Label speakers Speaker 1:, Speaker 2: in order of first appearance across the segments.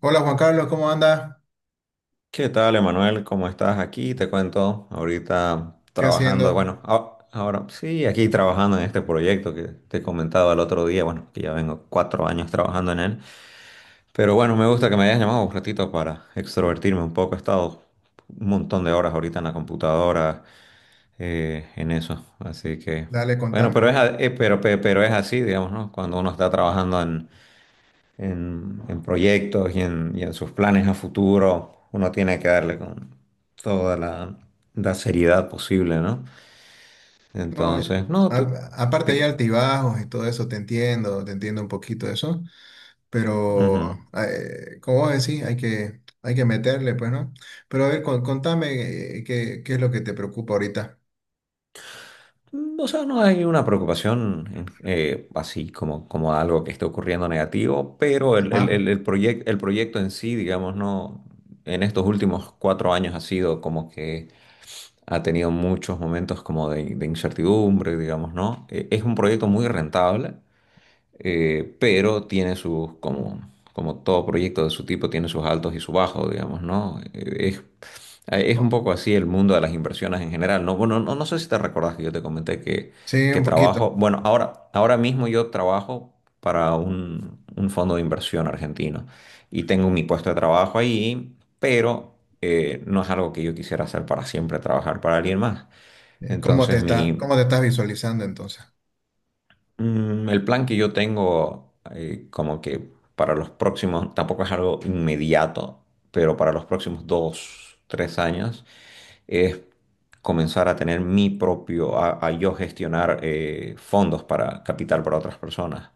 Speaker 1: Hola Juan Carlos, ¿cómo anda?
Speaker 2: ¿Qué tal, Emanuel? ¿Cómo estás? Aquí te cuento, ahorita
Speaker 1: ¿Qué
Speaker 2: trabajando,
Speaker 1: haciendo?
Speaker 2: bueno, ahora sí, aquí trabajando en este proyecto que te comentaba el otro día, bueno, que ya vengo 4 años trabajando en él, pero bueno, me gusta que me hayas llamado un ratito para extrovertirme un poco, he estado un montón de horas ahorita en la computadora, en eso. Así que,
Speaker 1: Dale,
Speaker 2: bueno,
Speaker 1: contame, a
Speaker 2: pero es,
Speaker 1: ver.
Speaker 2: a- pero, pe- pero es así, digamos, ¿no? Cuando uno está trabajando en proyectos y en sus planes a futuro, uno tiene que darle con toda la seriedad posible, ¿no?
Speaker 1: No,
Speaker 2: Entonces, no,
Speaker 1: aparte hay
Speaker 2: te-
Speaker 1: altibajos y todo eso, te entiendo un poquito de eso, pero
Speaker 2: ujú.
Speaker 1: como vos decís, hay que meterle, pues, ¿no? Pero a ver, contame, qué es lo que te preocupa ahorita.
Speaker 2: O sea, no hay una preocupación así como algo que esté ocurriendo negativo, pero el, el,
Speaker 1: Ajá.
Speaker 2: el, el proyec- el proyecto en sí, digamos, no, en estos últimos 4 años ha sido como que ha tenido muchos momentos como de incertidumbre, digamos, ¿no? Es un proyecto muy rentable, pero tiene sus, como todo proyecto de su tipo, tiene sus altos y sus bajos, digamos, ¿no? Es un
Speaker 1: Co-
Speaker 2: poco así el mundo de las inversiones en general, ¿no? Bueno, no sé si te recordás que yo te comenté que,
Speaker 1: Sí, un poquito.
Speaker 2: trabajo. Bueno, ahora mismo yo trabajo para un fondo de inversión argentino y tengo mi puesto de trabajo ahí, pero no es algo que yo quisiera hacer para siempre, trabajar para alguien más. Entonces, mi,
Speaker 1: ¿Cómo te estás visualizando entonces?
Speaker 2: El plan que yo tengo, como que para los próximos, tampoco es algo inmediato, pero para los próximos 2, 3 años, es comenzar a tener mi propio, a yo gestionar fondos para capital para otras personas.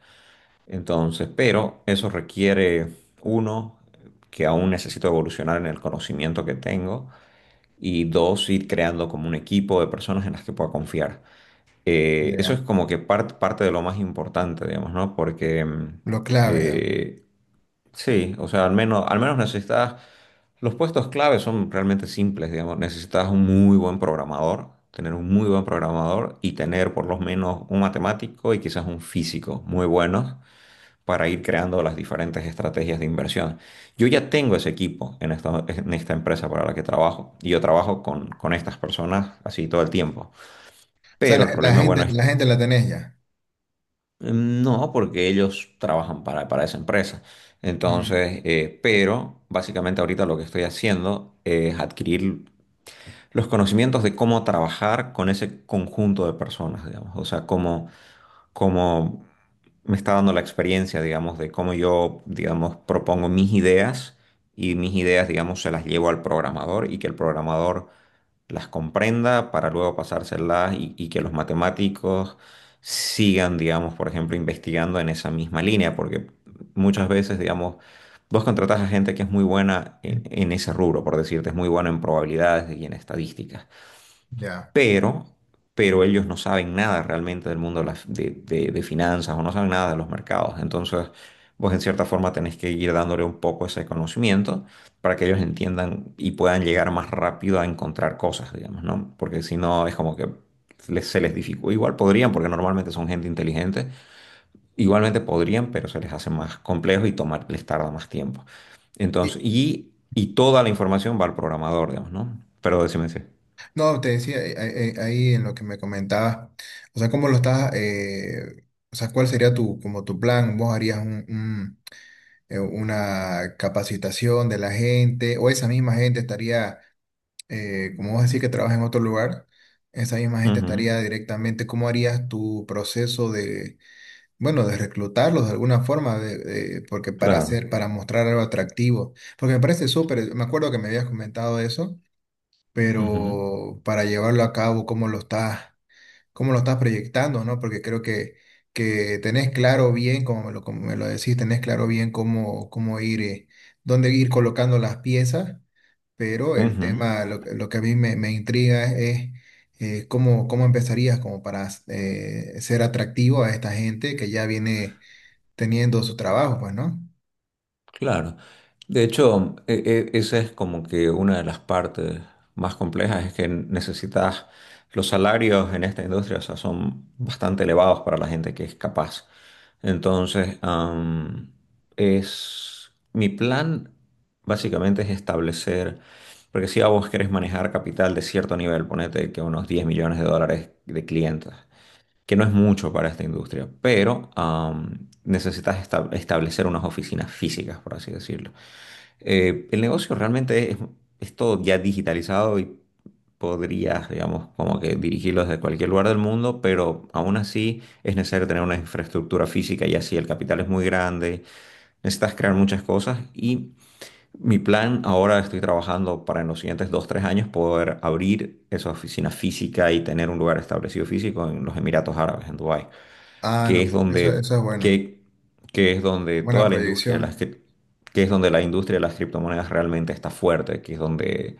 Speaker 2: Entonces, pero eso requiere, uno, que aún necesito evolucionar en el conocimiento que tengo, y dos, ir creando como un equipo de personas en las que pueda confiar. Eso
Speaker 1: Ya,
Speaker 2: es como que parte de lo más importante, digamos, ¿no? Porque
Speaker 1: lo clave, ya.
Speaker 2: eh, sí, o sea, al menos necesitas, los puestos clave son realmente simples, digamos, necesitas un muy buen programador, tener un muy buen programador y tener por lo menos un matemático y quizás un físico muy buenos para ir creando las diferentes estrategias de inversión. Yo ya tengo ese equipo en esta empresa para la que trabajo y yo trabajo con estas personas así todo el tiempo.
Speaker 1: O sea,
Speaker 2: Pero
Speaker 1: la,
Speaker 2: el
Speaker 1: la
Speaker 2: problema, bueno,
Speaker 1: gente,
Speaker 2: es.
Speaker 1: la gente la tenés ya.
Speaker 2: Mm. No, porque ellos trabajan para esa empresa.
Speaker 1: Mm,
Speaker 2: Entonces, pero básicamente ahorita lo que estoy haciendo es adquirir los conocimientos de cómo trabajar con ese conjunto de personas, digamos. O sea, cómo me está dando la experiencia, digamos, de cómo yo, digamos, propongo mis ideas y mis ideas, digamos, se las llevo al programador y que el programador las comprenda para luego pasárselas y, que los matemáticos sigan, digamos, por ejemplo, investigando en esa misma línea, porque muchas veces, digamos, vos contratás a gente que es muy buena
Speaker 1: mm,
Speaker 2: en, ese rubro, por decirte, es muy buena en probabilidades y en estadísticas,
Speaker 1: ya.
Speaker 2: pero, pero ellos no saben nada realmente del mundo de, las- de finanzas o no saben nada de los mercados. Entonces, vos en cierta forma tenés que ir dándole un poco ese conocimiento para que ellos entiendan y puedan llegar más rápido a encontrar cosas, digamos, ¿no? Porque si no, es como que se les dificulta. Igual podrían, porque normalmente son gente inteligente. Igualmente podrían, pero se les hace más complejo y tomar, les tarda más tiempo. Entonces, y toda la información va al programador, digamos, ¿no? Pero decime si.
Speaker 1: No, te decía ahí en lo que me comentabas, o sea, cómo lo estás, o sea, cuál sería tu, como tu plan, vos harías una capacitación de la gente, o esa misma gente estaría, como vos decís que trabaja en otro lugar, esa misma gente
Speaker 2: Ujú,
Speaker 1: estaría directamente, ¿cómo harías tu proceso de, bueno, de reclutarlos de alguna forma, porque para
Speaker 2: claro.
Speaker 1: hacer, para mostrar algo atractivo, porque me parece súper, me acuerdo que me habías comentado eso,
Speaker 2: Ujú,
Speaker 1: pero para llevarlo a cabo, cómo lo estás proyectando, ¿no? Porque creo que tenés claro bien, como me lo decís, tenés claro bien cómo ir, dónde ir colocando las piezas, pero el
Speaker 2: ujú,
Speaker 1: tema, lo que a mí me intriga es, cómo empezarías como para ser atractivo a esta gente que ya viene teniendo su trabajo, pues, ¿no?
Speaker 2: claro. De hecho, esa es como que una de las partes más complejas, es que necesitas, los salarios en esta industria, o sea, son bastante elevados para la gente que es capaz. Entonces, mi plan básicamente es establecer, porque si a vos querés manejar capital de cierto nivel, ponete que unos 10 millones de dólares de clientes, que no es mucho para esta industria, pero necesitas establecer unas oficinas físicas, por así decirlo. El negocio realmente es todo ya digitalizado y podrías, digamos, como que dirigirlo desde cualquier lugar del mundo, pero aún así es necesario tener una infraestructura física y así el capital es muy grande, necesitas crear muchas cosas y mi plan ahora estoy trabajando para en los siguientes 2, 3 años poder abrir esa oficina física y tener un lugar establecido físico en los Emiratos Árabes, en Dubái,
Speaker 1: Ah, no,
Speaker 2: que es
Speaker 1: eso,
Speaker 2: donde,
Speaker 1: eso es bueno,
Speaker 2: que, que es donde
Speaker 1: buena
Speaker 2: toda la industria, de las,
Speaker 1: proyección.
Speaker 2: cri- que es donde la industria de las criptomonedas realmente está fuerte, que es donde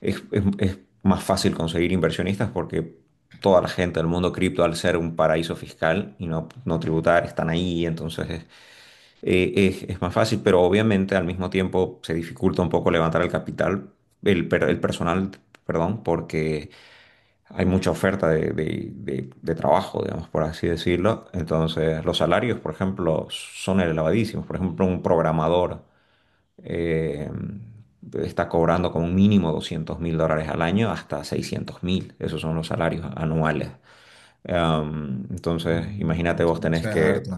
Speaker 2: es más fácil conseguir inversionistas porque toda la gente del mundo cripto, al ser un paraíso fiscal y no tributar, están ahí. Entonces es, es más fácil, pero obviamente al mismo tiempo se dificulta un poco levantar el capital, el personal, perdón, porque hay mucha oferta de trabajo, digamos, por así decirlo. Entonces, los salarios, por ejemplo, son elevadísimos. Por ejemplo, un programador eh, está cobrando como mínimo 200.000 dólares al año hasta 600.000. Esos son los salarios anuales. Entonces,
Speaker 1: Mm,
Speaker 2: imagínate,
Speaker 1: eso,
Speaker 2: vos tenés
Speaker 1: eso es
Speaker 2: que,
Speaker 1: harto.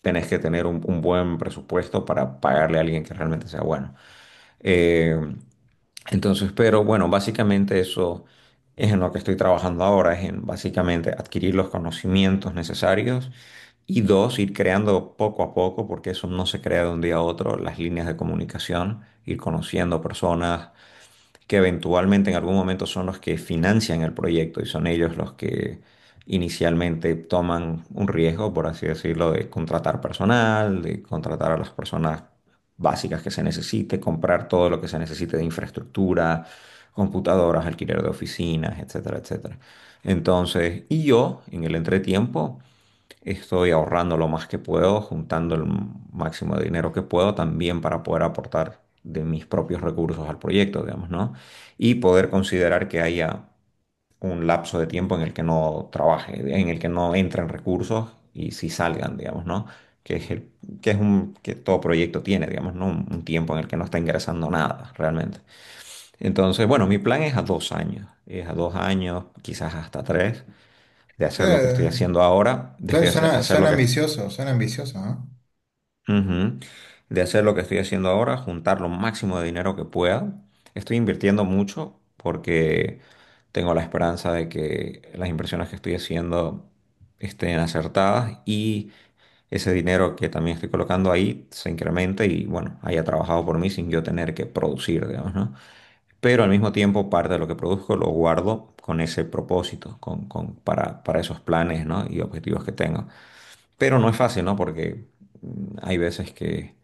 Speaker 2: tenés que tener un buen presupuesto para pagarle a alguien que realmente sea bueno. Eh, entonces, pero bueno, básicamente eso es en lo que estoy trabajando ahora, es en básicamente adquirir los conocimientos necesarios y dos, ir creando poco a poco, porque eso no se crea de un día a otro, las líneas de comunicación, ir conociendo personas, que eventualmente en algún momento son los que financian el proyecto y son ellos los que inicialmente toman un riesgo, por así decirlo, de contratar personal, de contratar a las personas básicas que se necesite, comprar todo lo que se necesite de infraestructura, computadoras, alquiler de oficinas, etcétera, etcétera. Entonces, y yo en el entretiempo estoy ahorrando lo más que puedo, juntando el máximo de dinero que puedo también para poder aportar de mis propios recursos al proyecto, digamos, ¿no? Y poder considerar que haya un lapso de tiempo en el que no trabaje, en el que no entren recursos y si salgan, digamos, ¿no? Que es el- que es un, Que todo proyecto tiene, digamos, ¿no? Un tiempo en el que no está ingresando nada realmente. Entonces, bueno, mi plan es a 2 años, quizás hasta tres, de hacer lo que estoy
Speaker 1: Eh,
Speaker 2: haciendo ahora,
Speaker 1: suena,
Speaker 2: de hacer
Speaker 1: suena
Speaker 2: hacer lo
Speaker 1: suena
Speaker 2: que estoy
Speaker 1: ambicioso, suena ambicioso, ¿no?
Speaker 2: ujú. De hacer lo que estoy haciendo ahora, juntar lo máximo de dinero que pueda. Estoy invirtiendo mucho porque tengo la esperanza de que las inversiones que estoy haciendo estén acertadas y ese dinero que también estoy colocando ahí se incremente y, bueno, haya trabajado por mí sin yo tener que producir, digamos, ¿no? Pero al mismo tiempo parte de lo que produzco lo guardo con ese propósito, para esos planes, ¿no?, y objetivos que tengo. Pero no es fácil, ¿no? Porque hay veces que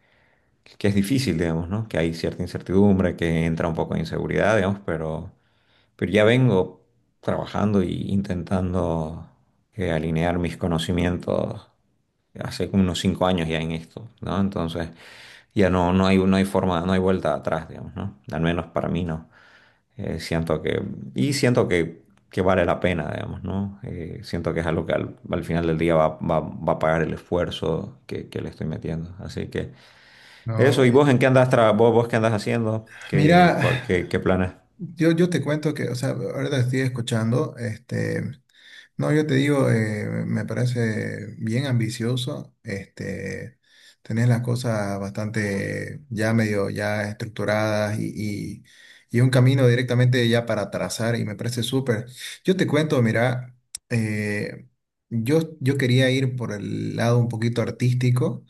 Speaker 2: que es difícil, digamos, ¿no? Que hay cierta incertidumbre, que entra un poco de inseguridad, digamos, pero ya vengo trabajando e intentando alinear mis conocimientos hace como unos 5 años ya en esto, ¿no? Entonces ya no, no hay forma, no hay vuelta atrás, digamos, ¿no? Al menos para mí no. Siento que, y siento que, que vale la pena, digamos, ¿no? Siento que es algo que al final del día va a pagar el esfuerzo que le estoy metiendo. Así que
Speaker 1: No,
Speaker 2: eso. ¿Y
Speaker 1: güey.
Speaker 2: vos en qué andas tra vos, vos qué andas haciendo?
Speaker 1: Mira,
Speaker 2: Qué planes?
Speaker 1: yo te cuento que, o sea, ahora te estoy escuchando, no, yo te digo, me parece bien ambicioso, tenés las cosas bastante ya medio, ya estructuradas y, y, y un camino directamente ya para trazar y me parece súper. Yo te cuento, mira, eh, yo quería ir por el lado un poquito artístico.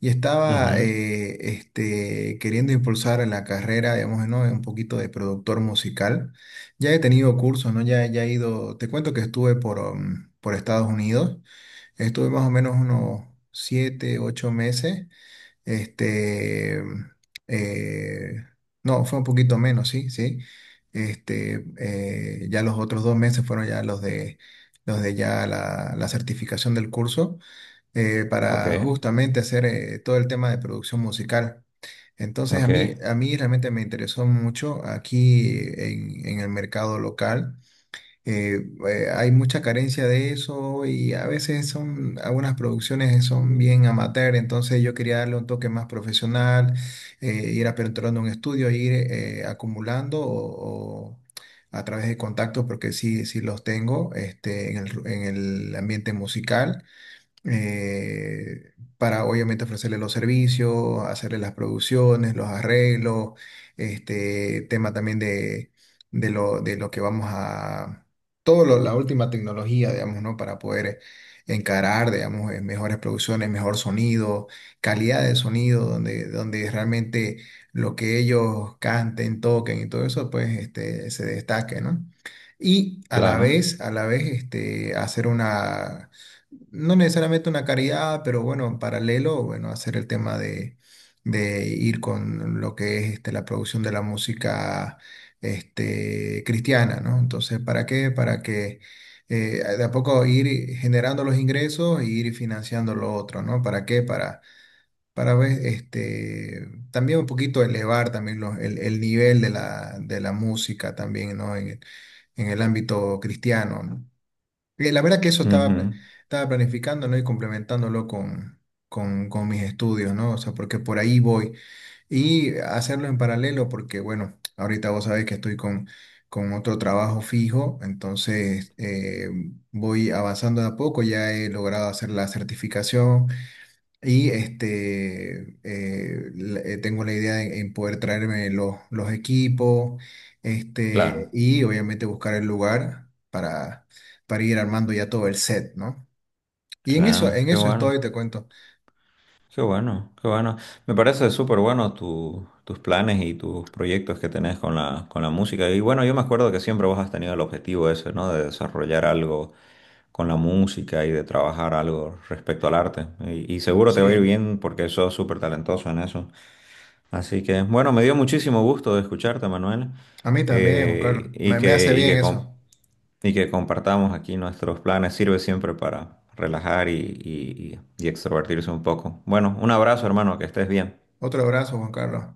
Speaker 1: Y estaba
Speaker 2: Ujú.
Speaker 1: queriendo impulsar en la carrera, digamos, ¿no? Un poquito de productor musical. Ya he tenido cursos, ¿no? Ya, ya he ido, te cuento que estuve por, por Estados Unidos, estuve más o menos unos 7, 8 meses, este, um, eh, no, fue un poquito menos, sí, sí. Ya los otros 2 meses fueron ya los de ya la certificación del curso,
Speaker 2: Ok,
Speaker 1: para justamente hacer todo el tema de producción musical. Entonces a
Speaker 2: ok,
Speaker 1: mí, a mí realmente me interesó mucho aquí, en el mercado local. Eh, hay mucha carencia de eso y a veces son, algunas producciones son bien amateur, entonces yo quería darle un toque más profesional, ir aperturando un estudio, ir acumulando o a través de contactos, porque sí, sí los tengo, en el ambiente musical, para obviamente ofrecerle los servicios, hacerle las producciones, los arreglos, este tema también de, de lo que vamos a, la última tecnología, digamos, ¿no? Para poder encarar, digamos, mejores producciones, mejor sonido, calidad de sonido, donde realmente lo que ellos canten, toquen y todo eso, pues, se destaque, ¿no? Y
Speaker 2: claro.
Speaker 1: a la vez, hacer una, no necesariamente una caridad, pero bueno, en paralelo, bueno, hacer el tema de ir con lo que es la producción de la música, cristiana, ¿no? Entonces, ¿para qué? Para que de a poco ir generando los ingresos e ir financiando lo otro, ¿no? ¿Para qué? Para ver, también un poquito elevar también el nivel de la música también, ¿no? En el ámbito cristiano, ¿no? La verdad que eso estaba, pla-
Speaker 2: Ujú,
Speaker 1: estaba planificando, ¿no? Y complementándolo con mis estudios, ¿no? O sea, porque por ahí voy. Y hacerlo en paralelo, porque bueno, ahorita vos sabés que estoy con otro trabajo fijo, entonces voy avanzando de a poco, ya he logrado hacer la certificación y tengo la idea en poder traerme los equipos,
Speaker 2: claro,
Speaker 1: y obviamente buscar el lugar para ir armando ya todo el set, ¿no? Y
Speaker 2: claro,
Speaker 1: en
Speaker 2: qué
Speaker 1: eso estoy,
Speaker 2: bueno,
Speaker 1: te cuento.
Speaker 2: qué bueno, qué bueno. Me parece súper bueno tus planes y tus proyectos que tenés con la música. Y bueno, yo me acuerdo que siempre vos has tenido el objetivo ese, ¿no? De desarrollar algo con la música y de trabajar algo respecto al arte. Y seguro te va a ir
Speaker 1: Sí,
Speaker 2: bien porque sos súper talentoso en eso. Así que, bueno, me dio muchísimo gusto de escucharte, Manuel,
Speaker 1: a mí también, Juan Carlos.
Speaker 2: y
Speaker 1: Me hace
Speaker 2: que,
Speaker 1: bien eso.
Speaker 2: y que compartamos aquí nuestros planes. Sirve siempre para relajar y extrovertirse un poco. Bueno, un abrazo, hermano, que estés bien.
Speaker 1: Otro abrazo, Juan Carlos.